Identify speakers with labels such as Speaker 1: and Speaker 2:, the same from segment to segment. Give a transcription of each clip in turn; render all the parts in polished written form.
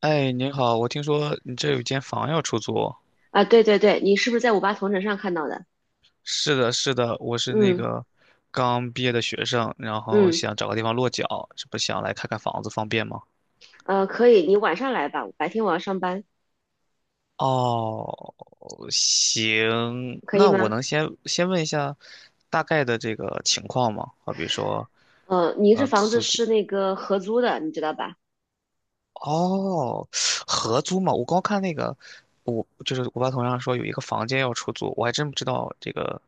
Speaker 1: 哎，您好，我听说你这有间房要出租。
Speaker 2: 啊，对对对，你是不是在五八同城上看到的？
Speaker 1: 是的，是的，我是那
Speaker 2: 嗯
Speaker 1: 个刚毕业的学生，然后
Speaker 2: 嗯，
Speaker 1: 想找个地方落脚，这不想来看看房子，方便吗？
Speaker 2: 可以，你晚上来吧，白天我要上班，
Speaker 1: 哦，行，
Speaker 2: 可以
Speaker 1: 那我
Speaker 2: 吗？
Speaker 1: 能先问一下大概的这个情况吗？好比说，
Speaker 2: 你这房子
Speaker 1: 租金，
Speaker 2: 是那个合租的，你知道吧？
Speaker 1: 哦，合租嘛，我光看那个，我就是我爸同样说有一个房间要出租，我还真不知道这个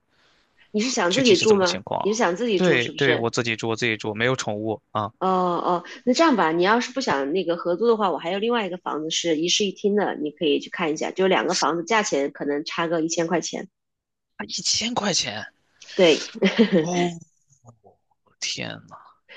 Speaker 2: 你是想
Speaker 1: 具
Speaker 2: 自
Speaker 1: 体
Speaker 2: 己
Speaker 1: 是
Speaker 2: 住
Speaker 1: 怎么
Speaker 2: 吗？
Speaker 1: 情况啊？
Speaker 2: 你是想自己住
Speaker 1: 对
Speaker 2: 是不
Speaker 1: 对，
Speaker 2: 是？
Speaker 1: 我自己住，我自己住，没有宠物啊。
Speaker 2: 哦哦，那这样吧，你要是不想那个合租的话，我还有另外一个房子是一室一厅的，你可以去看一下，就两个房子价钱可能差个1000块钱。
Speaker 1: 啊，1000块钱！
Speaker 2: 对，
Speaker 1: 哦，天呐，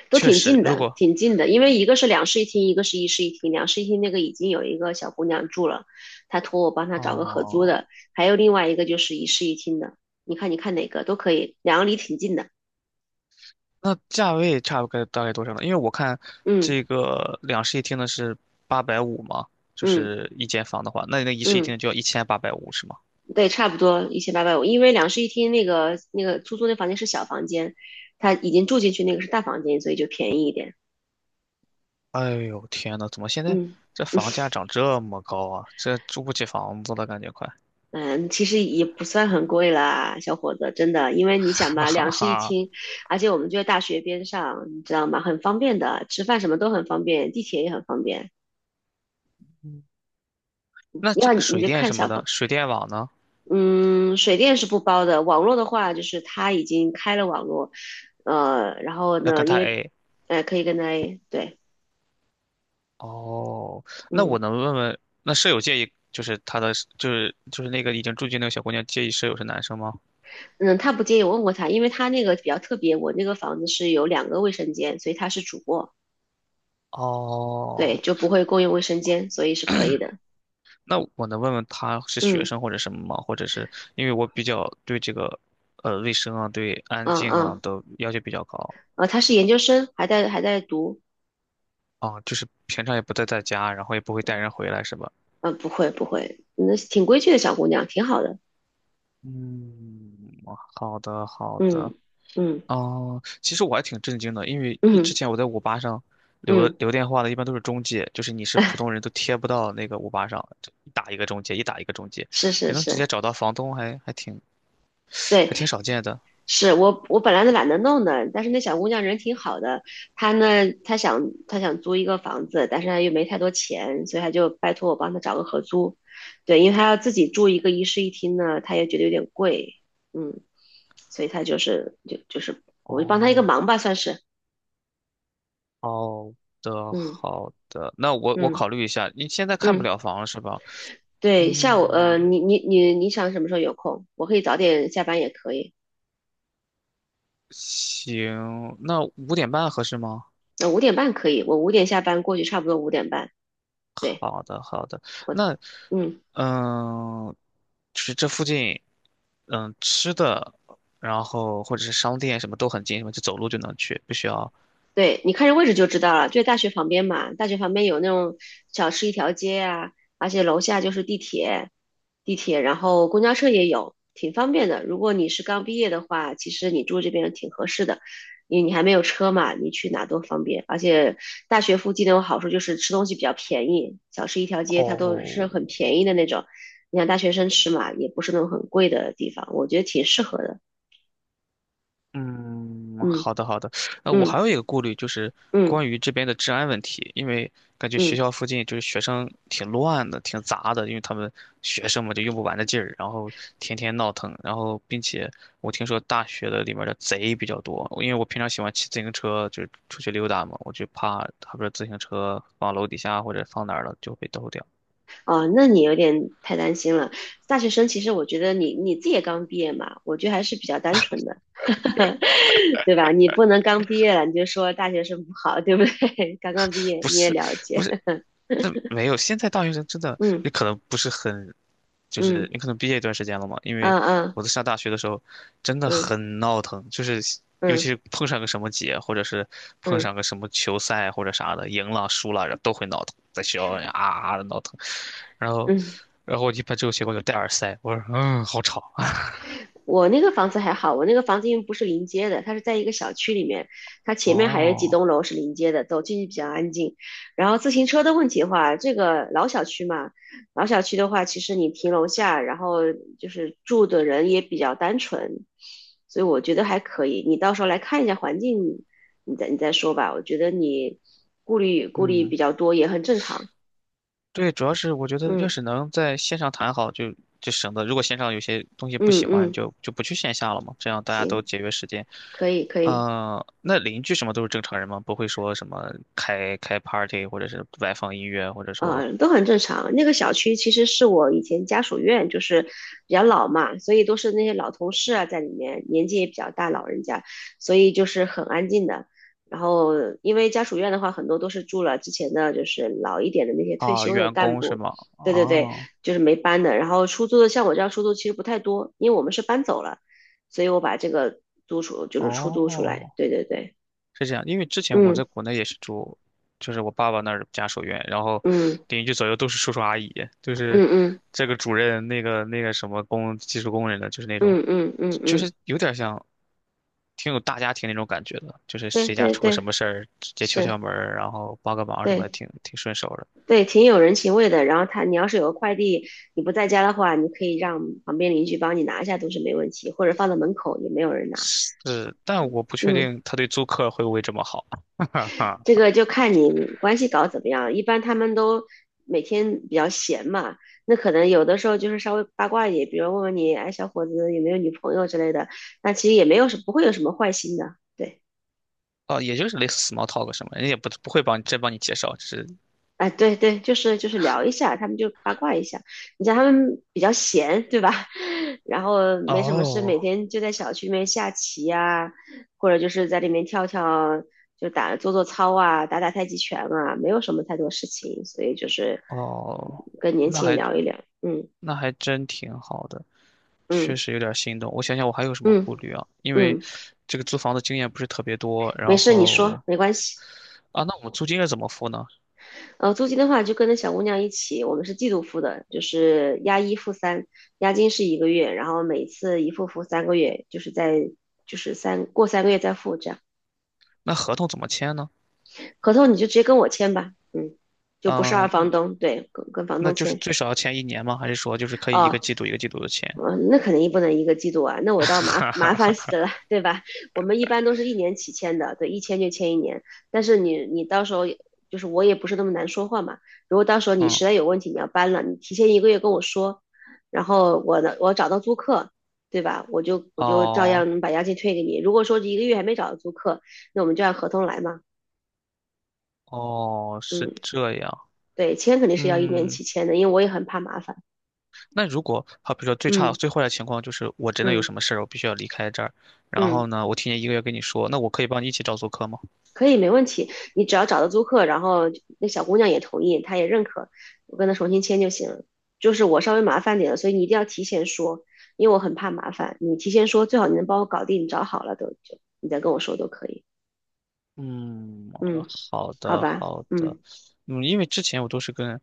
Speaker 2: 都
Speaker 1: 确
Speaker 2: 挺
Speaker 1: 实，
Speaker 2: 近
Speaker 1: 如
Speaker 2: 的，
Speaker 1: 果
Speaker 2: 挺近的，因为一个是两室一厅，一个是一室一厅。两室一厅那个已经有一个小姑娘住了，她托我帮她找个合租
Speaker 1: 哦，
Speaker 2: 的，还有另外一个就是一室一厅的。你看，你看哪个都可以，两个离挺近的。
Speaker 1: 那价位差不多大概多少呢？因为我看
Speaker 2: 嗯
Speaker 1: 这个两室一厅的是八百五嘛，就
Speaker 2: 嗯
Speaker 1: 是一间房的话，那你那一室一厅
Speaker 2: 嗯，
Speaker 1: 的就要1850是吗？
Speaker 2: 对，差不多1850。因为两室一厅那个出租那房间是小房间，她已经住进去那个是大房间，所以就便宜一点。
Speaker 1: 哎呦，天呐，怎么现在
Speaker 2: 嗯
Speaker 1: 这
Speaker 2: 嗯
Speaker 1: 房价涨这么高啊？这住不起房子了，感觉快。
Speaker 2: 嗯，其实也不算很贵啦，小伙子，真的，因为你想
Speaker 1: 哈
Speaker 2: 吧，
Speaker 1: 哈
Speaker 2: 两室一
Speaker 1: 哈。
Speaker 2: 厅，而且我们就在大学边上，你知道吗？很方便的，吃饭什么都很方便，地铁也很方便。
Speaker 1: 那这
Speaker 2: 要
Speaker 1: 个
Speaker 2: 你你
Speaker 1: 水
Speaker 2: 就
Speaker 1: 电
Speaker 2: 看
Speaker 1: 什么
Speaker 2: 小
Speaker 1: 的，
Speaker 2: 房，
Speaker 1: 水电网呢？
Speaker 2: 嗯，水电是不包的，网络的话就是他已经开了网络，呃，然后
Speaker 1: 要
Speaker 2: 呢，
Speaker 1: 跟
Speaker 2: 因
Speaker 1: 他
Speaker 2: 为，
Speaker 1: A。
Speaker 2: 呃，可以跟他，对，
Speaker 1: 哦，那我
Speaker 2: 嗯
Speaker 1: 能问问，那舍友介意就是他的，就是那个已经住进那个小姑娘介意舍友是男生吗？
Speaker 2: 嗯，他不介意，我问过他，因为他那个比较特别，我那个房子是有两个卫生间，所以他是主卧，对，
Speaker 1: 哦，
Speaker 2: 就不会共用卫生间，所以是可以的，
Speaker 1: 那我能问问他是学
Speaker 2: 嗯。
Speaker 1: 生或者什么吗？或者是因为我比较对这个，卫生啊，对安
Speaker 2: 嗯
Speaker 1: 静啊
Speaker 2: 嗯，
Speaker 1: 都要求比较高
Speaker 2: 她是研究生，还在读，
Speaker 1: 啊，就是平常也不在家，然后也不会带人回来，是吧？
Speaker 2: 嗯，不会不会，那挺规矩的小姑娘，挺好的，
Speaker 1: 嗯，好的好的。
Speaker 2: 嗯嗯
Speaker 1: 哦，其实我还挺震惊的，因为之
Speaker 2: 嗯
Speaker 1: 前我在五八上留
Speaker 2: 嗯，
Speaker 1: 留电话的，一般都是中介，就是你 是普
Speaker 2: 哎，
Speaker 1: 通人都贴不到那个五八上，就一打一个中介，一打一个中介，
Speaker 2: 是是
Speaker 1: 也能直接
Speaker 2: 是，
Speaker 1: 找到房东还，还挺
Speaker 2: 对，
Speaker 1: 还挺少见的。
Speaker 2: 是我本来都懒得弄的，但是那小姑娘人挺好的，她呢，她想她想租一个房子，但是她又没太多钱，所以她就拜托我帮她找个合租，对，因为她要自己住一个一室一厅呢，她也觉得有点贵，嗯，所以她就是我就帮她一个
Speaker 1: 哦，
Speaker 2: 忙吧，算是，
Speaker 1: 好的
Speaker 2: 嗯
Speaker 1: 好的，那我
Speaker 2: 嗯。
Speaker 1: 考虑一下，你现在看不
Speaker 2: 嗯，
Speaker 1: 了房了是吧？
Speaker 2: 对，下午，
Speaker 1: 嗯，
Speaker 2: 你想什么时候有空？我可以早点下班也可以，
Speaker 1: 行，那5点半合适吗？
Speaker 2: 那五点半可以，我五点下班过去，差不多五点半。对，
Speaker 1: 好的，好的。
Speaker 2: 我的，
Speaker 1: 那，
Speaker 2: 嗯。
Speaker 1: 嗯，就是这附近，吃的，然后或者是商店什么都很近，什么就走路就能去，不需要。
Speaker 2: 对，你看这位置就知道了，就在大学旁边嘛。大学旁边有那种小吃一条街啊，而且楼下就是地铁，地铁，然后公交车也有，挺方便的。如果你是刚毕业的话，其实你住这边挺合适的，因为你还没有车嘛，你去哪都方便。而且大学附近那种好处就是吃东西比较便宜，小吃一条街它都是
Speaker 1: 哦，
Speaker 2: 很便宜的那种。你像大学生吃嘛，也不是那种很贵的地方，我觉得挺适合的。
Speaker 1: 嗯，
Speaker 2: 嗯
Speaker 1: 好的好的。那我还
Speaker 2: 嗯
Speaker 1: 有一个顾虑就是
Speaker 2: 嗯
Speaker 1: 关于这边的治安问题，因为感觉学
Speaker 2: 嗯。
Speaker 1: 校附近就是学生挺乱的，挺杂的，因为他们学生嘛就用不完的劲儿，然后天天闹腾，然后并且我听说大学的里面的贼比较多，因为我平常喜欢骑自行车，就是出去溜达嘛，我就怕他不是自行车放楼底下或者放哪儿了就被偷掉。
Speaker 2: 哦，那你有点太担心了。大学生其实我觉得你你自己也刚毕业嘛，我觉得还是比较单纯的，对吧？你不能刚毕业了你就说大学生不好，对不对？刚刚毕业
Speaker 1: 不
Speaker 2: 你也
Speaker 1: 是
Speaker 2: 了
Speaker 1: 不
Speaker 2: 解，
Speaker 1: 是，那没有，现在大学生真的，
Speaker 2: 嗯
Speaker 1: 你可能不是很，就是
Speaker 2: 嗯
Speaker 1: 你可能毕业一段时间了嘛。因
Speaker 2: 嗯
Speaker 1: 为
Speaker 2: 嗯
Speaker 1: 我在上大学的时候，真的
Speaker 2: 嗯
Speaker 1: 很闹腾，就是尤
Speaker 2: 嗯
Speaker 1: 其是碰上个什么节，或者是碰
Speaker 2: 嗯嗯。
Speaker 1: 上
Speaker 2: 嗯
Speaker 1: 个什么球赛或者啥的，赢了输了，然后都会闹腾，在学校里啊啊的闹腾。然后，
Speaker 2: 嗯，
Speaker 1: 然后我一般这种情况就戴耳塞，我说嗯，好吵。
Speaker 2: 我那个房子还好，我那个房子因为不是临街的，它是在一个小区里面，它前面还有几
Speaker 1: 哦，
Speaker 2: 栋楼是临街的，走进去比较安静。然后自行车的问题的话，这个老小区嘛，老小区的话，其实你停楼下，然后就是住的人也比较单纯，所以我觉得还可以。你到时候来看一下环境，你再说吧。我觉得你顾虑
Speaker 1: 嗯。
Speaker 2: 比较多也很正常。
Speaker 1: 对，主要是我觉得要
Speaker 2: 嗯
Speaker 1: 是能在线上谈好就省得如果线上有些东西不
Speaker 2: 嗯
Speaker 1: 喜欢
Speaker 2: 嗯，
Speaker 1: 就不去线下了嘛，这样大家都
Speaker 2: 行，
Speaker 1: 节约时间。
Speaker 2: 可以可以。
Speaker 1: 嗯，那邻居什么都是正常人吗？不会说什么开 party 或者是外放音乐，或者说
Speaker 2: 都很正常。那个小区其实是我以前家属院，就是比较老嘛，所以都是那些老同事啊在里面，年纪也比较大，老人家，所以就是很安静的。然后，因为家属院的话，很多都是住了之前的就是老一点的那些退
Speaker 1: 啊
Speaker 2: 休的
Speaker 1: 员
Speaker 2: 干
Speaker 1: 工是
Speaker 2: 部，
Speaker 1: 吗？
Speaker 2: 对对对，
Speaker 1: 啊，
Speaker 2: 就是没搬的。然后出租的，像我这样出租其实不太多，因为我们是搬走了，所以我把这个租出就是出租出来，
Speaker 1: 哦
Speaker 2: 对对对，
Speaker 1: 是这样，因为之前我
Speaker 2: 嗯
Speaker 1: 在国内也是住，就是我爸爸那儿家属院，然后
Speaker 2: 嗯
Speaker 1: 邻居左右都是叔叔阿姨，就
Speaker 2: 嗯
Speaker 1: 是
Speaker 2: 嗯
Speaker 1: 这个主任，那个什么工技术工人的，就是那种，
Speaker 2: 嗯嗯嗯
Speaker 1: 就
Speaker 2: 嗯，
Speaker 1: 是有点像挺有大家庭那种感觉的，就是
Speaker 2: 对
Speaker 1: 谁家
Speaker 2: 对
Speaker 1: 出个什
Speaker 2: 对，
Speaker 1: 么事儿，直接敲敲
Speaker 2: 是。
Speaker 1: 门儿然后帮个忙什么的，
Speaker 2: 对
Speaker 1: 挺顺手的。
Speaker 2: 对，挺有人情味的。然后他，你要是有个快递，你不在家的话，你可以让旁边邻居帮你拿一下，都是没问题，或者放在门口也没有人拿。
Speaker 1: 是，但我不确
Speaker 2: 嗯，
Speaker 1: 定他对租客会不会这么好。哈
Speaker 2: 这
Speaker 1: 哈，
Speaker 2: 个就看你关系搞怎么样。一般他们都每天比较闲嘛，那可能有的时候就是稍微八卦一点，比如问问你，哎，小伙子有没有女朋友之类的，那其实也没有什不会有什么坏心的。对。
Speaker 1: 哦，也就是类似 small talk 什么，人家也不会帮你真帮你介绍，只是
Speaker 2: 哎，对对，就是聊一下，他们就八卦一下。你像他们比较闲，对吧？然后没什么事，每
Speaker 1: 哦
Speaker 2: 天就在小区里面下棋呀、或者就是在里面跳跳，做做操啊，打打太极拳啊，没有什么太多事情，所以就是
Speaker 1: 哦，
Speaker 2: 跟年
Speaker 1: 那
Speaker 2: 轻人
Speaker 1: 还
Speaker 2: 聊一聊。嗯
Speaker 1: 那还真挺好的，确
Speaker 2: 嗯
Speaker 1: 实有点心动。我想想，我还有什么
Speaker 2: 嗯嗯
Speaker 1: 顾虑啊？因为
Speaker 2: 嗯，
Speaker 1: 这个租房的经验不是特别多，
Speaker 2: 没
Speaker 1: 然
Speaker 2: 事，你说
Speaker 1: 后
Speaker 2: 没关系。
Speaker 1: 啊，那我们租金要怎么付呢？
Speaker 2: 租金的话就跟着小姑娘一起，我们是季度付的，就是押一付三，押金是一个月，然后每次一付三个月，就是在就是三过三个月再付这样。
Speaker 1: 那合同怎么签呢？
Speaker 2: 合同你就直接跟我签吧，嗯，就不是二
Speaker 1: 嗯，
Speaker 2: 房东，对，跟房
Speaker 1: 那
Speaker 2: 东
Speaker 1: 就是
Speaker 2: 签。
Speaker 1: 最少要签1年吗？还是说就是可以一个
Speaker 2: 哦，
Speaker 1: 季度一个季度的签？
Speaker 2: 嗯，那肯定不能一个季度啊，那我倒麻烦死了，对吧？我们一般都是一年起签的，对，一签就签一年。但是你你到时候也就是我也不是那么难说话嘛，如果到时候你
Speaker 1: 嗯，
Speaker 2: 实在有问题你要搬了，你提前一个月跟我说，然后我的我找到租客，对吧？我就照
Speaker 1: 哦
Speaker 2: 样把押金退给你。如果说一个月还没找到租客，那我们就按合同来嘛。
Speaker 1: 哦，是
Speaker 2: 嗯，
Speaker 1: 这样。
Speaker 2: 对，签肯定是要一年
Speaker 1: 嗯，
Speaker 2: 起签的，因为我也很怕麻烦。
Speaker 1: 那如果好，比如说最差
Speaker 2: 嗯
Speaker 1: 最坏的情况就是我真的有
Speaker 2: 嗯
Speaker 1: 什么事儿，我必须要离开这儿，然
Speaker 2: 嗯。
Speaker 1: 后呢，我提前1个月跟你说，那我可以帮你一起找租客吗？
Speaker 2: 可以，没问题。你只要找到租客，然后那小姑娘也同意，她也认可，我跟她重新签就行了。就是我稍微麻烦点了，所以你一定要提前说，因为我很怕麻烦。你提前说，最好你能帮我搞定，你找好了都就你再跟我说都可以。
Speaker 1: 嗯，
Speaker 2: 嗯，
Speaker 1: 好
Speaker 2: 好
Speaker 1: 的
Speaker 2: 吧，
Speaker 1: 好的，
Speaker 2: 嗯
Speaker 1: 嗯，因为之前我都是跟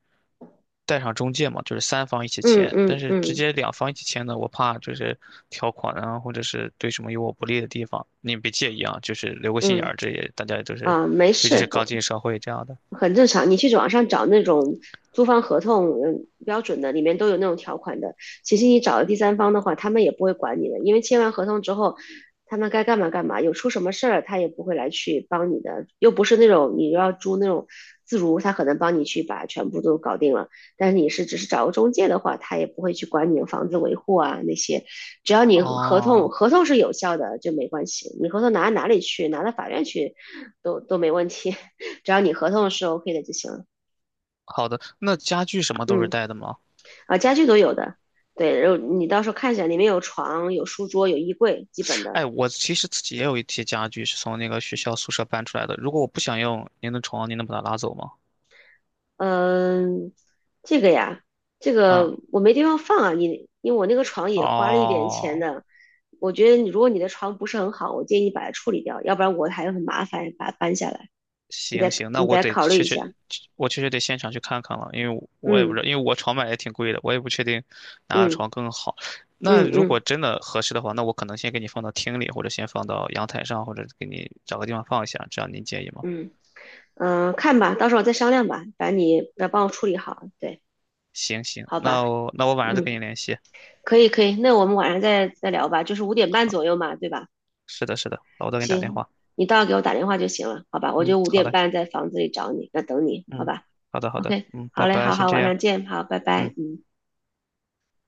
Speaker 1: 带上中介嘛，就是三方一起
Speaker 2: 嗯
Speaker 1: 签，但
Speaker 2: 嗯
Speaker 1: 是直
Speaker 2: 嗯
Speaker 1: 接两方一起签呢，我怕就是条款啊，或者是对什么有我不利的地方，你别介意啊，就是留个心眼
Speaker 2: 嗯，
Speaker 1: 儿，这也大家也都是，
Speaker 2: 啊，没
Speaker 1: 尤其是
Speaker 2: 事，
Speaker 1: 刚进社会这样的。
Speaker 2: 很正常。你去网上找那种租房合同，嗯，标准的里面都有那种条款的。其实你找了第三方的话，他们也不会管你的，因为签完合同之后，他们该干嘛干嘛，有出什么事儿他也不会来去帮你的，又不是那种你要租那种自如，他可能帮你去把全部都搞定了。但是你是只是找个中介的话，他也不会去管你的房子维护啊那些，只要你合同
Speaker 1: 哦，
Speaker 2: 合同是有效的就没关系，你合同拿到哪里去，拿到法院去都没问题。只要你合同是 OK 的就行了。
Speaker 1: 好的，那家具什么都是
Speaker 2: 嗯，
Speaker 1: 带的吗？
Speaker 2: 啊，家具都有的，对，然后你到时候看一下，里面有床、有书桌、有衣柜，基本的。
Speaker 1: 哎，我其实自己也有一些家具是从那个学校宿舍搬出来的，如果我不想用，您的床，您能把它拉走吗？
Speaker 2: 嗯，这个呀，这
Speaker 1: 嗯，
Speaker 2: 个我没地方放啊，你因为我那个床也花了一点钱
Speaker 1: 哦。
Speaker 2: 的。我觉得你如果你的床不是很好，我建议你把它处理掉，要不然我还很麻烦把它搬下来。你
Speaker 1: 行
Speaker 2: 再
Speaker 1: 行，那
Speaker 2: 你
Speaker 1: 我
Speaker 2: 再
Speaker 1: 得
Speaker 2: 考虑
Speaker 1: 确
Speaker 2: 一下。
Speaker 1: 实，我确实得现场去看看了，因为我也不知
Speaker 2: 嗯
Speaker 1: 道，因为我床买也挺贵的，我也不确定哪个
Speaker 2: 嗯
Speaker 1: 床更好。那
Speaker 2: 嗯
Speaker 1: 如果
Speaker 2: 嗯
Speaker 1: 真的合适的话，那我可能先给你放到厅里，或者先放到阳台上，或者给你找个地方放一下，这样您介意吗？
Speaker 2: 嗯嗯，看吧，到时候再商量吧。反正你要帮我处理好，对，
Speaker 1: 行行，
Speaker 2: 好
Speaker 1: 那
Speaker 2: 吧，
Speaker 1: 我那我晚上再
Speaker 2: 嗯。
Speaker 1: 跟你联系。
Speaker 2: 可以可以，那我们晚上再聊吧，就是五点半
Speaker 1: 好，
Speaker 2: 左右嘛，对吧？
Speaker 1: 是的，是的，好，我再给你打电
Speaker 2: 行，
Speaker 1: 话。
Speaker 2: 你到时候给我打电话就行了，好吧？我
Speaker 1: 嗯，
Speaker 2: 就五
Speaker 1: 好
Speaker 2: 点
Speaker 1: 嘞，
Speaker 2: 半在房子里找你，那等你，好
Speaker 1: 嗯，
Speaker 2: 吧
Speaker 1: 好的，好的，
Speaker 2: ？OK，
Speaker 1: 嗯，
Speaker 2: 好
Speaker 1: 拜
Speaker 2: 嘞，
Speaker 1: 拜，
Speaker 2: 好
Speaker 1: 先
Speaker 2: 好，
Speaker 1: 这
Speaker 2: 晚
Speaker 1: 样。
Speaker 2: 上见，好，拜
Speaker 1: 嗯。
Speaker 2: 拜，嗯。